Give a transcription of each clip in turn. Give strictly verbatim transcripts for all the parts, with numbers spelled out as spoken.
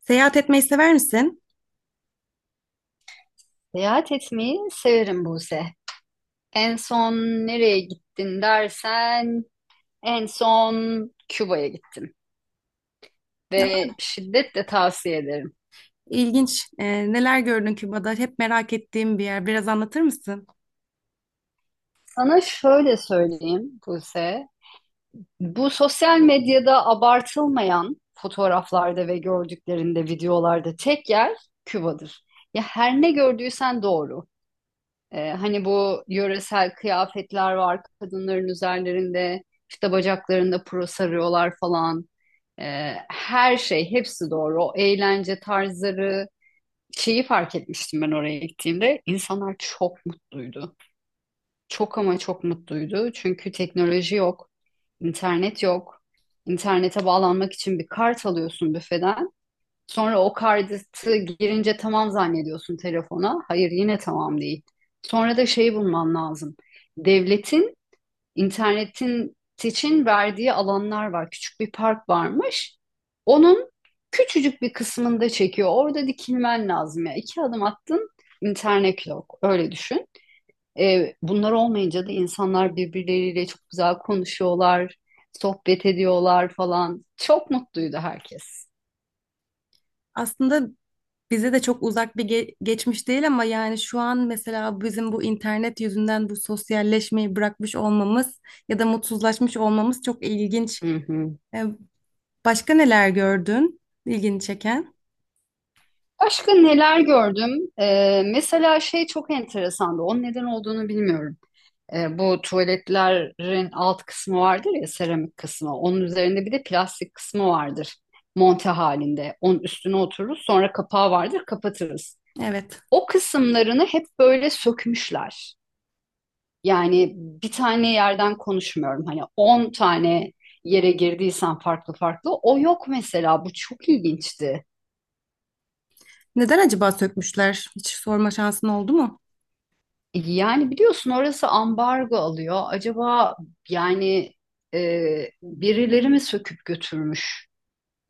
Seyahat etmeyi sever misin? Seyahat etmeyi severim Buse. En son nereye gittin dersen en son Küba'ya gittim ve şiddetle tavsiye ederim. İlginç. E, neler gördün Küba'da? Hep merak ettiğim bir yer. Biraz anlatır mısın? Sana şöyle söyleyeyim Buse. Bu sosyal medyada abartılmayan fotoğraflarda ve gördüklerinde, videolarda tek yer Küba'dır. Ya her ne gördüysen doğru. Ee, hani bu yöresel kıyafetler var kadınların üzerlerinde, işte bacaklarında puro sarıyorlar falan. Ee, her şey, hepsi doğru. O eğlence tarzları, şeyi fark etmiştim ben oraya gittiğimde. İnsanlar çok mutluydu. Çok ama çok mutluydu. Çünkü teknoloji yok, internet yok. İnternete bağlanmak için bir kart alıyorsun büfeden. Sonra o kartı girince tamam zannediyorsun telefona. Hayır, yine tamam değil. Sonra da şeyi bulman lazım. Devletin İnternetin için verdiği alanlar var. Küçük bir park varmış. Onun küçücük bir kısmında çekiyor. Orada dikilmen lazım ya. İki adım attın, internet yok. Öyle düşün. Ee, bunlar olmayınca da insanlar birbirleriyle çok güzel konuşuyorlar, sohbet ediyorlar falan. Çok mutluydu herkes. Aslında bize de çok uzak bir ge- geçmiş değil ama yani şu an mesela bizim bu internet yüzünden bu sosyalleşmeyi bırakmış olmamız ya da mutsuzlaşmış olmamız çok ilginç. Hı hı. E, Başka neler gördün? İlgini çeken. Başka neler gördüm? Ee, mesela şey çok enteresandı. Onun neden olduğunu bilmiyorum. E, bu tuvaletlerin alt kısmı vardır ya, seramik kısmı. Onun üzerinde bir de plastik kısmı vardır. Monte halinde. Onun üstüne otururuz. Sonra kapağı vardır. Kapatırız. Evet. O kısımlarını hep böyle sökmüşler. Yani bir tane yerden konuşmuyorum. Hani on tane yere girdiysen farklı farklı. O yok mesela. Bu çok ilginçti. Neden acaba sökmüşler? Hiç sorma şansın oldu mu? E, Yani biliyorsun orası ambargo alıyor. Acaba, yani e, birileri mi söküp götürmüş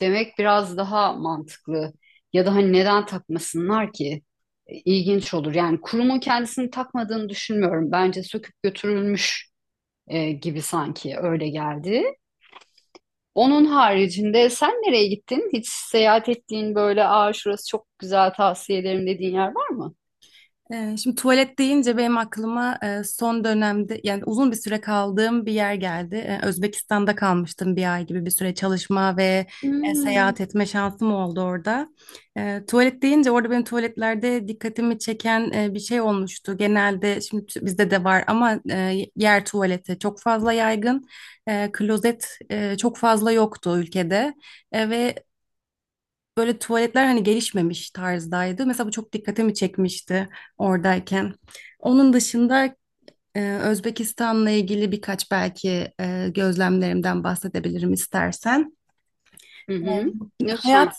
demek biraz daha mantıklı. Ya da hani neden takmasınlar ki? E, İlginç olur. Yani kurumun kendisini takmadığını düşünmüyorum. Bence söküp götürülmüş e, gibi, sanki öyle geldi. Onun haricinde sen nereye gittin? Hiç seyahat ettiğin böyle aa şurası çok güzel, tavsiye ederim dediğin yer var mı? Ee, Şimdi tuvalet deyince benim aklıma e, son dönemde yani uzun bir süre kaldığım bir yer geldi. Ee, Özbekistan'da kalmıştım bir ay gibi bir süre çalışma ve e, Hmm. seyahat etme şansım oldu orada. Ee, Tuvalet deyince orada benim tuvaletlerde dikkatimi çeken e, bir şey olmuştu. Genelde şimdi t- bizde de var ama e, yer tuvaleti çok fazla yaygın. E, Klozet e, çok fazla yoktu ülkede. E, Ve böyle tuvaletler hani gelişmemiş tarzdaydı. Mesela bu çok dikkatimi çekmişti oradayken. Onun dışında e, Özbekistan'la ilgili birkaç belki e, gözlemlerimden bahsedebilirim istersen. Hı hı. Hayat Lütfen.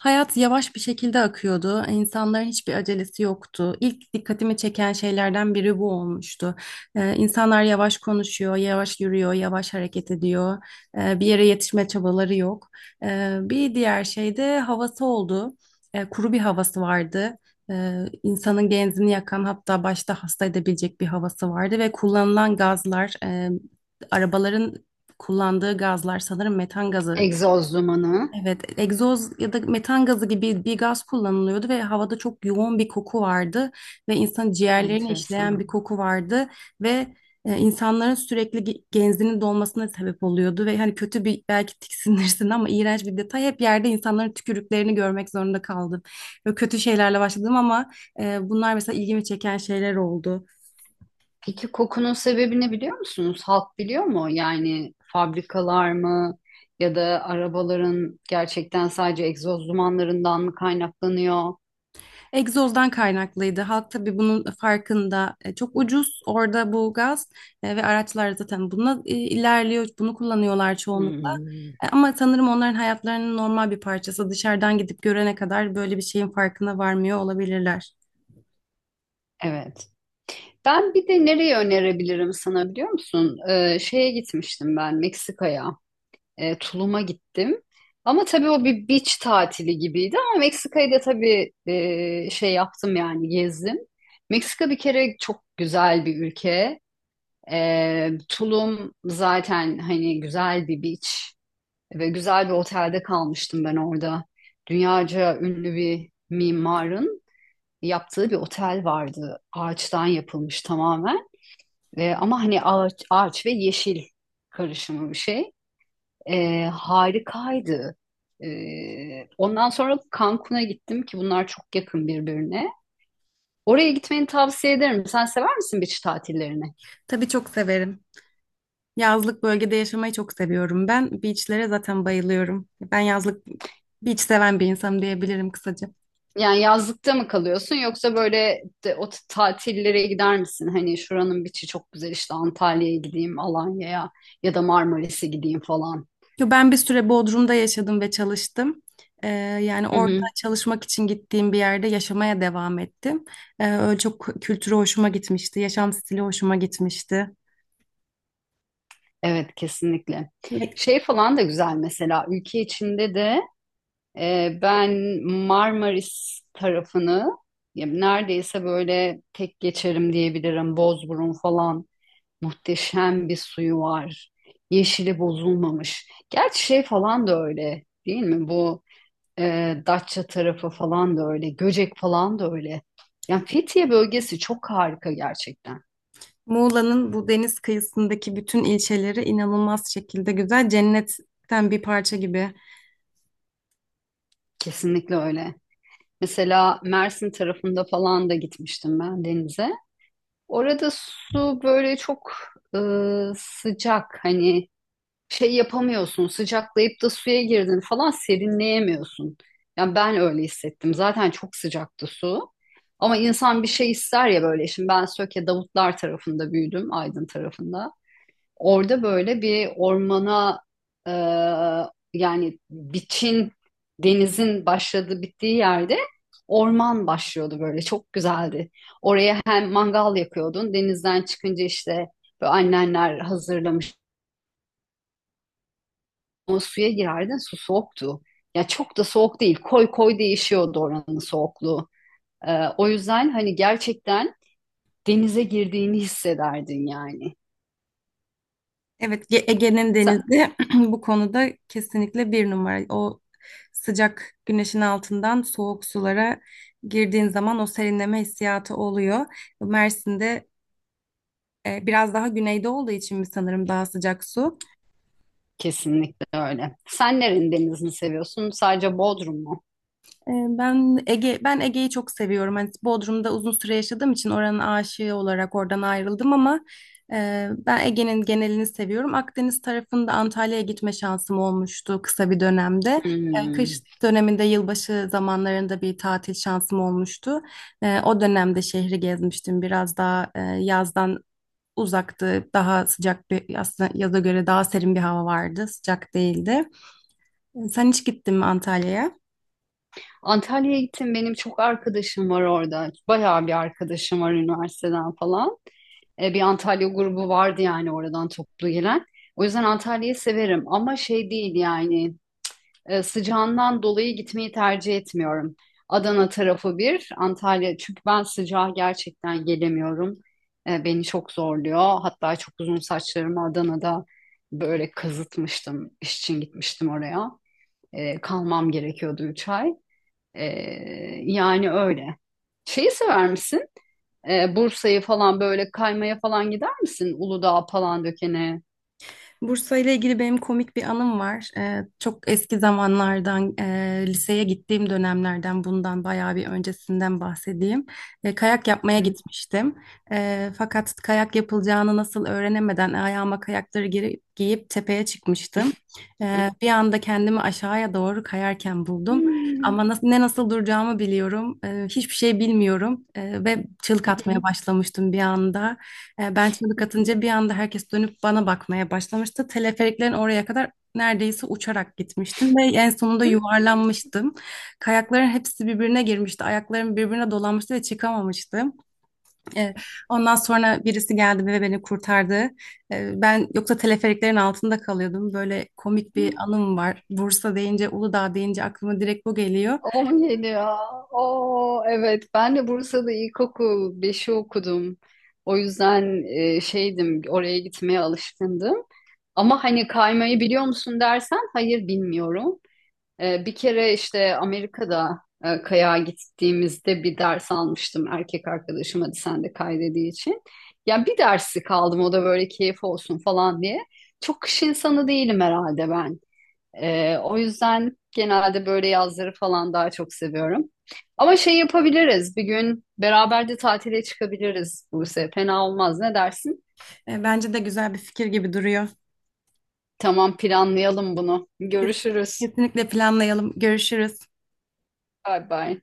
hayat yavaş bir şekilde akıyordu. İnsanların hiçbir acelesi yoktu. İlk dikkatimi çeken şeylerden biri bu olmuştu. Ee, insanlar yavaş konuşuyor, yavaş yürüyor, yavaş hareket ediyor. Ee, bir yere yetişme çabaları yok. Ee, bir diğer şey de havası oldu. Ee, kuru bir havası vardı. Ee, insanın genzini yakan hatta başta hasta edebilecek bir havası vardı ve kullanılan gazlar, e, arabaların kullandığı gazlar sanırım metan gazı. Egzoz dumanı. Evet, egzoz ya da metan gazı gibi bir gaz kullanılıyordu ve havada çok yoğun bir koku vardı ve insan ciğerlerini işleyen Enteresan. bir koku vardı ve e, insanların sürekli ge- genzinin dolmasına sebep oluyordu ve hani kötü bir belki tiksinirsin ama iğrenç bir detay hep yerde insanların tükürüklerini görmek zorunda kaldım. Böyle kötü şeylerle başladım ama e, bunlar mesela ilgimi çeken şeyler oldu. Peki kokunun sebebini biliyor musunuz? Halk biliyor mu? Yani fabrikalar mı ya da arabaların gerçekten sadece egzoz dumanlarından mı kaynaklanıyor? Egzozdan kaynaklıydı. Halk tabii bunun farkında. E, Çok ucuz orada bu gaz e, ve araçlar zaten bununla e, ilerliyor. Bunu kullanıyorlar çoğunlukla. Hmm, E, Ama sanırım onların hayatlarının normal bir parçası. Dışarıdan gidip görene kadar böyle bir şeyin farkına varmıyor olabilirler. evet. Ben bir de nereye önerebilirim sana, biliyor musun? Ee, şeye gitmiştim ben, Meksika'ya. Ee, Tulum'a gittim. Ama tabii o bir beach tatili gibiydi, ama Meksika'yı da tabii e, şey yaptım, yani gezdim. Meksika bir kere çok güzel bir ülke. Ee, Tulum zaten hani güzel bir beach ve güzel bir otelde kalmıştım ben orada. Dünyaca ünlü bir mimarın yaptığı bir otel vardı. Ağaçtan yapılmış tamamen. Ve, ama hani ağaç, ağaç ve yeşil karışımı bir şey. Ee, harikaydı. Ee, ondan sonra Cancun'a gittim ki bunlar çok yakın birbirine. Oraya gitmeni tavsiye ederim. Sen sever misin beach tatillerini? Tabii çok severim. Yazlık bölgede yaşamayı çok seviyorum ben. Beachlere zaten bayılıyorum. Ben yazlık beach seven bir insanım diyebilirim kısaca. Yani yazlıkta mı kalıyorsun, yoksa böyle de, o t- tatillere gider misin? Hani şuranın biçi çok güzel, işte Antalya'ya gideyim, Alanya'ya ya da Marmaris'e gideyim falan. Yo, ben bir süre Bodrum'da yaşadım ve çalıştım. Ee, Yani Hı orada hı. çalışmak için gittiğim bir yerde yaşamaya devam ettim. Ee, öyle çok kültürü hoşuma gitmişti, yaşam stili hoşuma gitmişti. Evet, kesinlikle. Ve Şey falan da güzel mesela, ülke içinde de e, ben Marmaris tarafını ya neredeyse böyle tek geçerim diyebilirim. Bozburun falan, muhteşem bir suyu var. Yeşili bozulmamış. Gerçi şey falan da öyle değil mi bu? E, Datça tarafı falan da öyle. Göcek falan da öyle. Yani Fethiye bölgesi çok harika gerçekten. Muğla'nın bu deniz kıyısındaki bütün ilçeleri inanılmaz şekilde güzel, cennetten bir parça gibi. Kesinlikle öyle. Mesela Mersin tarafında falan da gitmiştim ben denize. Orada su böyle çok e, sıcak. Hani şey yapamıyorsun. Sıcaklayıp da suya girdin falan, serinleyemiyorsun. Yani ben öyle hissettim. Zaten çok sıcaktı su. Ama insan bir şey ister ya böyle. Şimdi ben Söke Davutlar tarafında büyüdüm, Aydın tarafında. Orada böyle bir ormana e, yani biçin, denizin başladığı bittiği yerde orman başlıyordu, böyle çok güzeldi. Oraya hem mangal yakıyordun denizden çıkınca, işte böyle annenler hazırlamış, ama suya girerdin, su soğuktu. Ya çok da soğuk değil, koy koy değişiyordu oranın soğukluğu. E, o yüzden hani gerçekten denize girdiğini hissederdin yani. Evet, Ge- Ege'nin denizi bu konuda kesinlikle bir numara. O sıcak güneşin altından soğuk sulara girdiğin zaman o serinleme hissiyatı oluyor. Mersin'de e, biraz daha güneyde olduğu için mi sanırım daha sıcak su. Kesinlikle öyle. Sen nerenin denizini seviyorsun? Sadece Bodrum mu? Ee, Ben Ege ben Ege'yi çok seviyorum. Hani Bodrum'da uzun süre yaşadığım için oranın aşığı olarak oradan ayrıldım ama e, ben Ege'nin genelini seviyorum. Akdeniz tarafında Antalya'ya gitme şansım olmuştu kısa bir dönemde. E, Hmm. Kış döneminde yılbaşı zamanlarında bir tatil şansım olmuştu. E, O dönemde şehri gezmiştim. Biraz daha e, yazdan uzaktı. Daha sıcak bir aslında yaza göre daha serin bir hava vardı. Sıcak değildi. E, Sen hiç gittin mi Antalya'ya? Antalya'ya gittim. Benim çok arkadaşım var orada. Bayağı bir arkadaşım var üniversiteden falan. E, bir Antalya grubu vardı yani, oradan toplu gelen. O yüzden Antalya'yı severim, ama şey değil yani e, sıcağından dolayı gitmeyi tercih etmiyorum. Adana tarafı bir, Antalya. Çünkü ben sıcağa gerçekten gelemiyorum. E, beni çok zorluyor. Hatta çok uzun saçlarımı Adana'da böyle kazıtmıştım. İş için gitmiştim oraya. E, kalmam gerekiyordu üç ay. E, Yani öyle. Şeyi sever misin? E, Bursa'yı falan böyle kaymaya falan gider misin? Uludağ falan dökene. Bursa ile ilgili benim komik bir anım var. Ee, çok eski zamanlardan, e, liseye gittiğim dönemlerden, bundan bayağı bir öncesinden bahsedeyim. E, kayak yapmaya gitmiştim. E, fakat kayak yapılacağını nasıl öğrenemeden ayağıma kayakları geri, giyip tepeye çıkmıştım. E, bir anda kendimi aşağıya doğru kayarken buldum. Ama nasıl, ne nasıl duracağımı biliyorum. E, hiçbir şey bilmiyorum. E, ve çığlık atmaya başlamıştım bir anda. E, Ben çığlık atınca bir anda herkes dönüp bana bakmaya başlamıştı. Teleferiklerin oraya kadar neredeyse uçarak gitmiştim ve en sonunda yuvarlanmıştım. Kayakların hepsi birbirine girmişti. Ayaklarım birbirine dolanmıştı ve çıkamamıştım. E, Ondan sonra birisi geldi ve beni kurtardı. E, Ben yoksa teleferiklerin altında kalıyordum. Böyle komik bir anım var. Bursa deyince, Uludağ deyince aklıma direkt bu geliyor. on yedi ya. Oo, evet, ben de Bursa'da ilkokul beşi okudum. O yüzden e, şeydim, oraya gitmeye alışkındım. Ama hani kaymayı biliyor musun dersen, hayır, bilmiyorum. E, bir kere işte Amerika'da e, kayağa gittiğimizde bir ders almıştım, erkek arkadaşım hadi sen de kay dediği için. Ya bir dersi kaldım, o da böyle keyif olsun falan diye. Çok kış insanı değilim herhalde ben. Ee, o yüzden genelde böyle yazları falan daha çok seviyorum. Ama şey yapabiliriz. Bir gün beraber de tatile çıkabiliriz Buse. Fena olmaz. Ne dersin? E, Bence de güzel bir fikir gibi duruyor. Tamam, planlayalım bunu. Kes- Görüşürüz. Kesinlikle planlayalım. Görüşürüz. Bay bay.